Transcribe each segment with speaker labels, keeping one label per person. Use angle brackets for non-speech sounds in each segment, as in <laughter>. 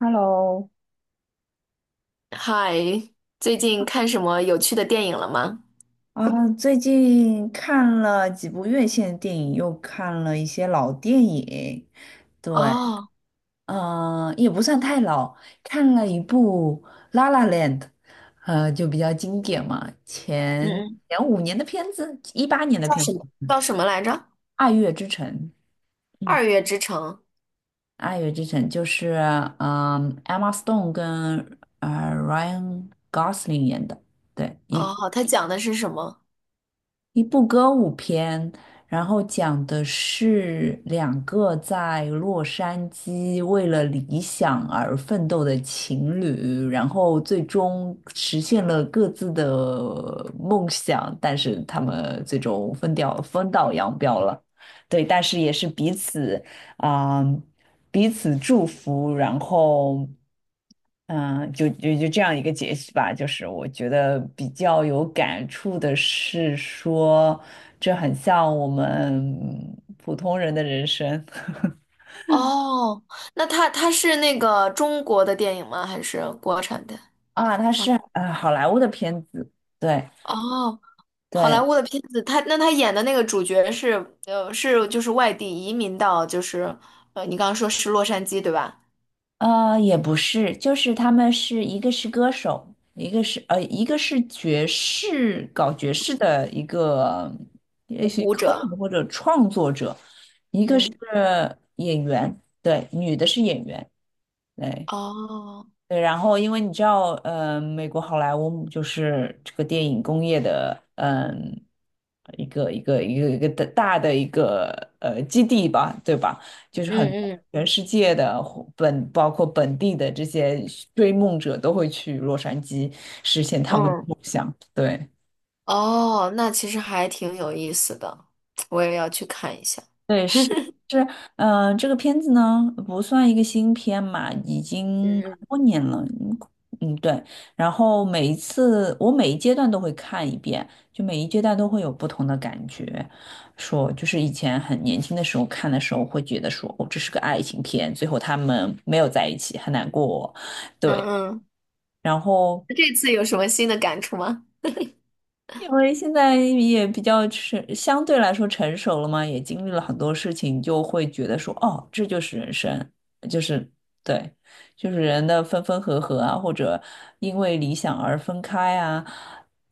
Speaker 1: Hello,
Speaker 2: 嗨，最近看什么有趣的电影了吗？
Speaker 1: 最近看了几部院线电影，又看了一些老电影。对，
Speaker 2: 哦，
Speaker 1: 也不算太老，看了一部《La La Land》,就比较经典嘛，前
Speaker 2: 嗯嗯，
Speaker 1: 前五年的片子，一八年的
Speaker 2: 叫
Speaker 1: 片子，
Speaker 2: 什么？
Speaker 1: 嗯
Speaker 2: 叫什么来着？
Speaker 1: 爱乐之城》。嗯，
Speaker 2: 《二月之城》。
Speaker 1: 《爱乐之城》就是嗯、Emma Stone 跟Ryan Gosling 演的，对，
Speaker 2: 哦，好，它讲的是什么？
Speaker 1: 一部歌舞片，然后讲的是两个在洛杉矶为了理想而奋斗的情侣，然后最终实现了各自的梦想，但是他们最终分掉，分道扬镳了。对，但是也是彼此啊、彼此祝福，然后。嗯，就这样一个解析吧，就是我觉得比较有感触的是说，这很像我们普通人的人生
Speaker 2: 哦，那它是那个中国的电影吗？还是国产的？
Speaker 1: <laughs> 啊，它
Speaker 2: 啊，
Speaker 1: 是好莱坞的片子，对
Speaker 2: 哦，好莱
Speaker 1: 对，
Speaker 2: 坞的片子，他那他演的那个主角是是就是外地移民到就是你刚刚说是洛杉矶对吧？
Speaker 1: 也不是，就是他们是一个是歌手，一个是爵士搞爵士的一个也许
Speaker 2: 舞
Speaker 1: 歌
Speaker 2: 者。
Speaker 1: 手或者创作者，一个是
Speaker 2: 嗯，
Speaker 1: 演员，对，女的是演员，对。
Speaker 2: 哦，
Speaker 1: 对，然后因为你知道，呃，美国好莱坞就是这个电影工业的，一个的大的一个基地吧，对吧？就是很
Speaker 2: 嗯
Speaker 1: 多
Speaker 2: 嗯
Speaker 1: 全世界的或本，包括本地的这些追梦者都会去洛杉矶实现他们的
Speaker 2: 嗯。
Speaker 1: 梦想。对，
Speaker 2: 哦，那其实还挺有意思的，我也要去看一下。
Speaker 1: 对，是是，这个片子呢不算一个新片嘛，已经蛮
Speaker 2: 嗯
Speaker 1: 多年了，嗯嗯，对。然后每一次我每一阶段都会看一遍，就每一阶段都会有不同的感觉。说就是以前很年轻的时候看的时候会觉得说，哦，这是个爱情片，最后他们没有在一起，很难过，
Speaker 2: 嗯，
Speaker 1: 对。
Speaker 2: 嗯嗯，
Speaker 1: 然后
Speaker 2: 这次有什么新的感触吗？
Speaker 1: 因为现在也比较成，相对来说成熟了嘛，也经历了很多事情，就会觉得说，哦，这就是人生，就是对，就是人的分分合合啊，或者因为理想而分开啊，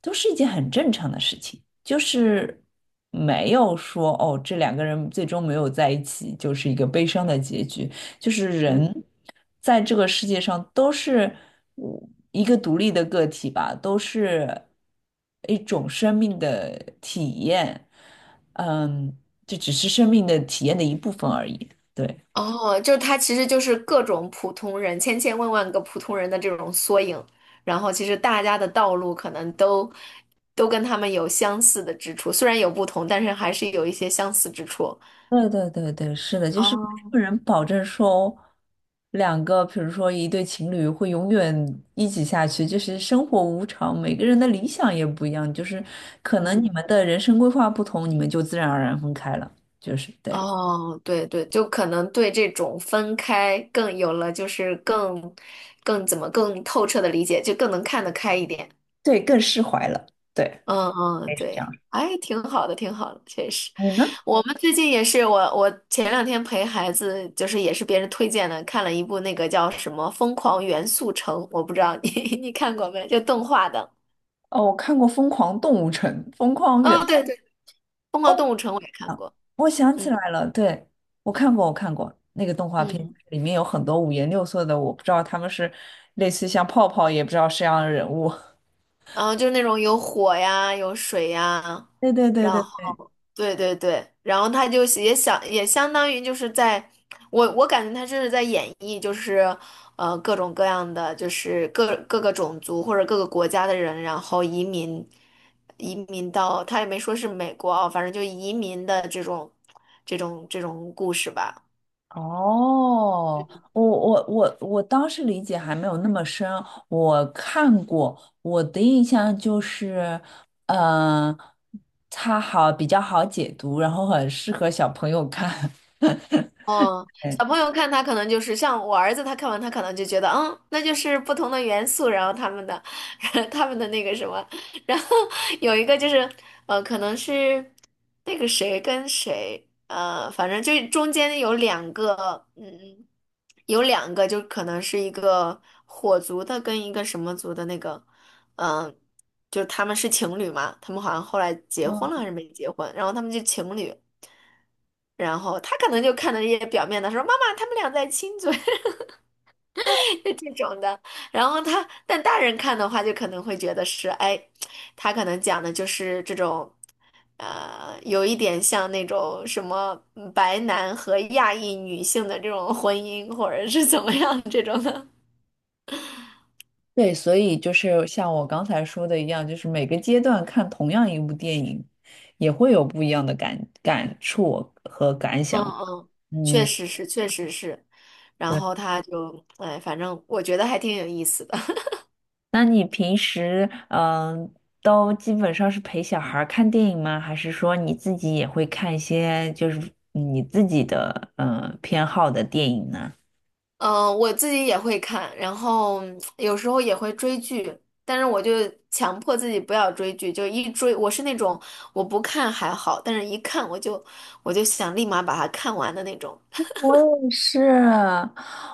Speaker 1: 都是一件很正常的事情，就是没有说，哦，这两个人最终没有在一起，就是一个悲伤的结局。就是人在这个世界上都是嗯一个独立的个体吧，都是一种生命的体验，嗯，这只是生命的体验的一部分而已。对，
Speaker 2: 哦，就是它其实就是各种普通人，千千万万个普通人的这种缩影，然后其实大家的道路可能都跟他们有相似的之处，虽然有不同，但是还是有一些相似之处。
Speaker 1: 对对对对，是的，就是没
Speaker 2: 哦。
Speaker 1: 有人保证说两个，比如说一对情侣会永远一起下去，就是生活无常，每个人的理想也不一样，就是可能你们的人生规划不同，你们就自然而然分开了，就是对。
Speaker 2: 哦，对对，就可能对这种分开更有了，就是更更怎么更透彻的理解，就更能看得开一点。
Speaker 1: 对，更释怀了。对，
Speaker 2: 嗯
Speaker 1: 可
Speaker 2: 嗯，
Speaker 1: 以是这
Speaker 2: 对，
Speaker 1: 样。
Speaker 2: 哎，挺好的，挺好的，确实。
Speaker 1: 你呢？
Speaker 2: 我们最近也是，我前两天陪孩子，就是也是别人推荐的，看了一部那个叫什么《疯狂元素城》，我不知道你 <laughs> 你看过没，就动画的。
Speaker 1: 哦，我看过《疯狂动物城》《疯狂远》。
Speaker 2: 哦，对对，《疯狂
Speaker 1: 哦，
Speaker 2: 动物城》我也看过。
Speaker 1: 我想起
Speaker 2: 嗯
Speaker 1: 来了，对，我看过那个动画片，
Speaker 2: 嗯。
Speaker 1: 里面有很多五颜六色的，我不知道他们是类似像泡泡，也不知道是样的人物。<laughs>
Speaker 2: 嗯，呃就是那种有火呀，有水呀，
Speaker 1: 对对对
Speaker 2: 然
Speaker 1: 对对，
Speaker 2: 后对对对，然后他就是也想也相当于就是在，我感觉他这是在演绎，就是呃各种各样的，就是各个种族或者各个国家的人，然后移民到他也没说是美国啊，反正就移民的这种这种故事吧。
Speaker 1: 哦，我当时理解还没有那么深，我看过，我的印象就是，嗯、它好比较好解读，然后很适合小朋友看。<laughs>
Speaker 2: 哦，
Speaker 1: 对
Speaker 2: 小朋友看他可能就是像我儿子，他看完他可能就觉得，嗯，那就是不同的元素，然后他们的，<laughs> 他们的那个什么，然后有一个就是，呃，可能是那个谁跟谁，呃，反正就是中间有两个，嗯，有两个就可能是一个火族的跟一个什么族的那个，嗯、就是他们是情侣嘛，他们好像后来结婚了还是没结婚，然后他们就情侣。然后他可能就看到一些表面的说妈妈他们俩在亲嘴，<laughs> 就这种的。然后他但大人看的话，就可能会觉得是哎，他可能讲的就是这种，有一点像那种什么白男和亚裔女性的这种婚姻，或者是怎么样这种的。
Speaker 1: 对，所以就是像我刚才说的一样，就是每个阶段看同样一部电影，也会有不一样的感触和感想
Speaker 2: 嗯
Speaker 1: 吧。
Speaker 2: 嗯，确
Speaker 1: 嗯。
Speaker 2: 实是，确实是。然
Speaker 1: 对。
Speaker 2: 后他就哎，反正我觉得还挺有意思的。
Speaker 1: 那你平时都基本上是陪小孩儿看电影吗？还是说你自己也会看一些就是你自己的嗯偏好的电影呢？
Speaker 2: 嗯，我自己也会看，然后有时候也会追剧，但是强迫自己不要追剧，就一追，我是那种我不看还好，但是一看我就想立马把它看完的那种。
Speaker 1: 我也是，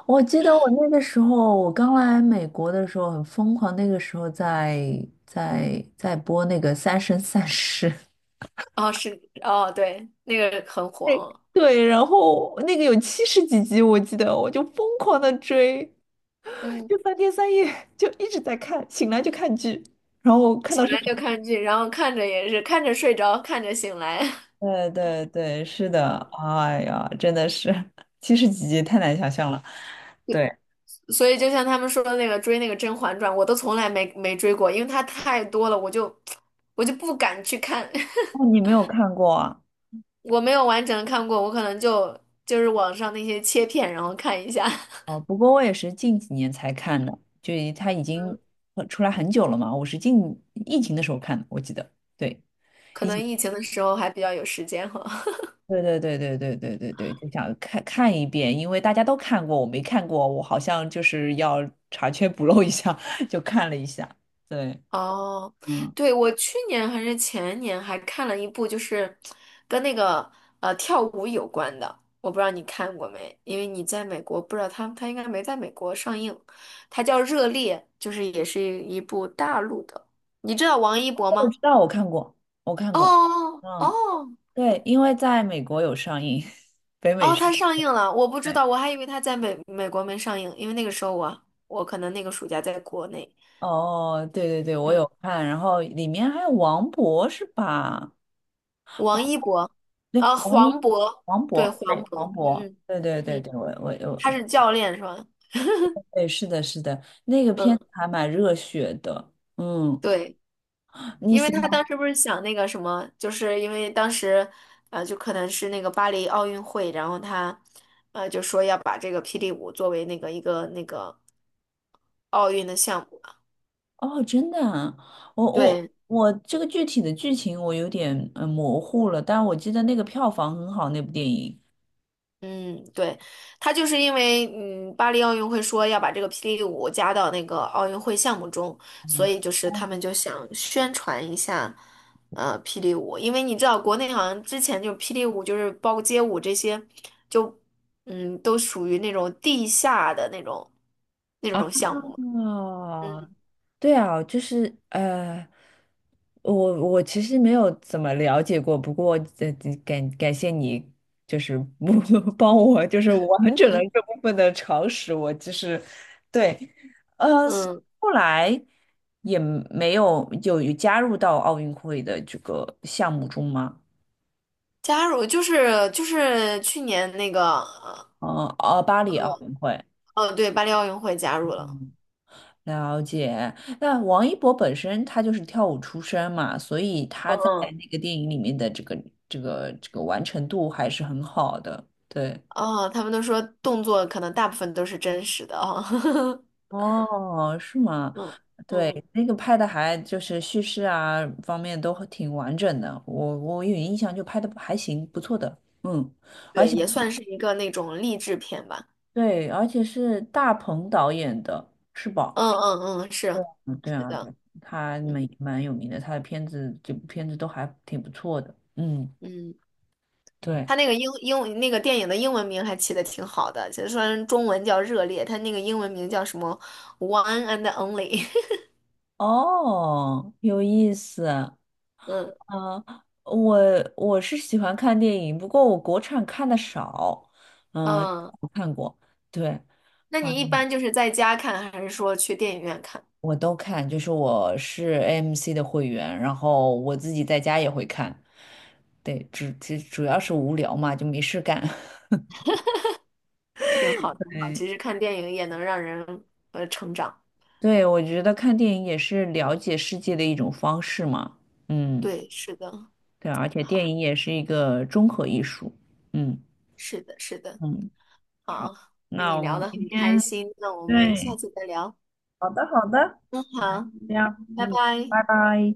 Speaker 1: 我记得我那个时候，我刚来美国的时候很疯狂，那个时候在在播那个《三生三世》，
Speaker 2: 哦，是，哦，对，那个很
Speaker 1: <laughs> 对，
Speaker 2: 火，
Speaker 1: 对，然后那个有七十几集，我记得我就疯狂的追。
Speaker 2: 嗯，
Speaker 1: 就三天三夜就一直在看，醒来就看剧，然后看
Speaker 2: 醒
Speaker 1: 到睡
Speaker 2: 来就
Speaker 1: 着。
Speaker 2: 看剧，然后看着也是看着睡着，看着醒来，
Speaker 1: 对对对，是的，哎呀，真的是七十几集太难想象了。对，
Speaker 2: <laughs> 所以就像他们说的那个追那个《甄嬛传》，我都从来没追过，因为它太多了，<tsk> 我就不敢去看。<laughs>
Speaker 1: 哦，你没有看过啊？
Speaker 2: 我没有完整看过，我可能就就是网上那些切片，然后看一下。<laughs>
Speaker 1: 哦，不过我也是近几年才看的，就它已经出来很久了嘛，我是近疫情的时候看的，我记得。对，
Speaker 2: 可能疫情的时候还比较有时间哈。
Speaker 1: 对对对对对对对对，就想看看一遍，因为大家都看过，我没看过，我好像就是要查缺补漏一下，<laughs> 就看了一下。对，
Speaker 2: <laughs> 哦，
Speaker 1: 嗯。
Speaker 2: 对，我去年还是前年还看了一部，就是跟那个跳舞有关的，我不知道你看过没？因为你在美国，不知道他应该没在美国上映。它叫《热烈》，就是也是一部大陆的。你知道王一博
Speaker 1: 我知
Speaker 2: 吗？
Speaker 1: 道，我看过，我看过。
Speaker 2: 哦
Speaker 1: 嗯，
Speaker 2: 哦，
Speaker 1: 对，因为在美国有上映，<laughs> 北美
Speaker 2: 哦，
Speaker 1: 上
Speaker 2: 它上
Speaker 1: 映。
Speaker 2: 映了，我不知
Speaker 1: 对，
Speaker 2: 道，我还以为它在美国没上映，因为那个时候我可能那个暑假在国内。
Speaker 1: 哦，对对对，我
Speaker 2: 嗯，
Speaker 1: 有看，然后里面还有王博是吧？
Speaker 2: 王一博，
Speaker 1: 对，
Speaker 2: 啊，黄渤，
Speaker 1: 王
Speaker 2: 对，
Speaker 1: 博，
Speaker 2: 黄
Speaker 1: 对，
Speaker 2: 渤，
Speaker 1: 王
Speaker 2: 嗯
Speaker 1: 博，对对
Speaker 2: 嗯
Speaker 1: 对对，
Speaker 2: 嗯，
Speaker 1: 我我我，
Speaker 2: 他是教练是吧？
Speaker 1: 对，是的，是的，那个片
Speaker 2: 嗯，
Speaker 1: 子还蛮热血的，嗯，
Speaker 2: 对，
Speaker 1: 你
Speaker 2: 因为
Speaker 1: 喜
Speaker 2: 他当
Speaker 1: 欢？
Speaker 2: 时不是想那个什么，就是因为当时，呃，就可能是那个巴黎奥运会，然后他，呃，就说要把这个霹雳舞作为那个一个那个奥运的项目。
Speaker 1: 哦，真的啊，我我
Speaker 2: 对，
Speaker 1: 我这个具体的剧情我有点嗯模糊了，但我记得那个票房很好，那部电影。
Speaker 2: 嗯，对，他就是因为嗯，巴黎奥运会说要把这个霹雳舞加到那个奥运会项目中，所
Speaker 1: 啊。
Speaker 2: 以就是他们就想宣传一下，呃，霹雳舞，因为你知道国内好像之前就霹雳舞就是包括街舞这些，就嗯都属于那种地下的那种项目嘛。
Speaker 1: 哦，对啊，就是我我其实没有怎么了解过，不过呃，感谢你，就是不 <laughs> 帮我，就是完整了这部分的常识。我其实对，
Speaker 2: 嗯，
Speaker 1: 后来也没有有加入到奥运会的这个项目中吗？
Speaker 2: 加入就是去年那个
Speaker 1: 嗯，哦，巴黎奥运会。
Speaker 2: 对巴黎奥运会加入了。
Speaker 1: 了解。那王一博本身他就是跳舞出身嘛，所以他在
Speaker 2: 嗯
Speaker 1: 那个电影里面的这个完成度还是很好的。对，
Speaker 2: 哦，他们都说动作可能大部分都是真实的哦。<laughs>
Speaker 1: 哦，是吗？
Speaker 2: 嗯嗯，
Speaker 1: 对，那个拍的还就是叙事啊方面都挺完整的，我有印象就拍的还行，不错的。嗯，而
Speaker 2: 对，
Speaker 1: 且
Speaker 2: 也算是一个那种励志片吧。
Speaker 1: 对，而且是大鹏导演的，是吧？
Speaker 2: 嗯嗯嗯，
Speaker 1: 对，
Speaker 2: 是
Speaker 1: 嗯，对
Speaker 2: 是
Speaker 1: 啊，
Speaker 2: 的，
Speaker 1: 对，他
Speaker 2: 嗯
Speaker 1: 蛮有名的，他的片子这部片子都还挺不错的。嗯。
Speaker 2: 嗯，
Speaker 1: 对，
Speaker 2: 他那个英那个电影的英文名还起的挺好的，其实虽然中文叫《热烈》，他那个英文名叫什么《One and Only》。
Speaker 1: 哦，有意思啊，
Speaker 2: <laughs> 嗯
Speaker 1: 嗯我我是喜欢看电影，不过我国产看的少，嗯、
Speaker 2: 嗯，
Speaker 1: 我看过，对，
Speaker 2: 那
Speaker 1: 哇，
Speaker 2: 你一般就是在家看，还是说去电影院看？
Speaker 1: 我都看，就是我是 AMC 的会员，然后我自己在家也会看，对，只主要是无聊嘛，就没事干。<laughs>
Speaker 2: 挺好，挺好。
Speaker 1: 对，
Speaker 2: 其实看电影也能让人成长。
Speaker 1: 对，我觉得看电影也是了解世界的一种方式嘛，嗯，
Speaker 2: 对，是的，
Speaker 1: 对，而且
Speaker 2: 好，
Speaker 1: 电影也是一个综合艺术，嗯。
Speaker 2: 是的，是的。
Speaker 1: 嗯。好，
Speaker 2: 好，跟
Speaker 1: 那
Speaker 2: 你
Speaker 1: 我
Speaker 2: 聊
Speaker 1: 们
Speaker 2: 得
Speaker 1: 今
Speaker 2: 很开
Speaker 1: 天
Speaker 2: 心，那我们下
Speaker 1: 对，
Speaker 2: 次再聊。
Speaker 1: 好的好的，
Speaker 2: 嗯，
Speaker 1: 来
Speaker 2: 好，
Speaker 1: 这样，
Speaker 2: 拜
Speaker 1: 嗯，
Speaker 2: 拜。
Speaker 1: 拜拜。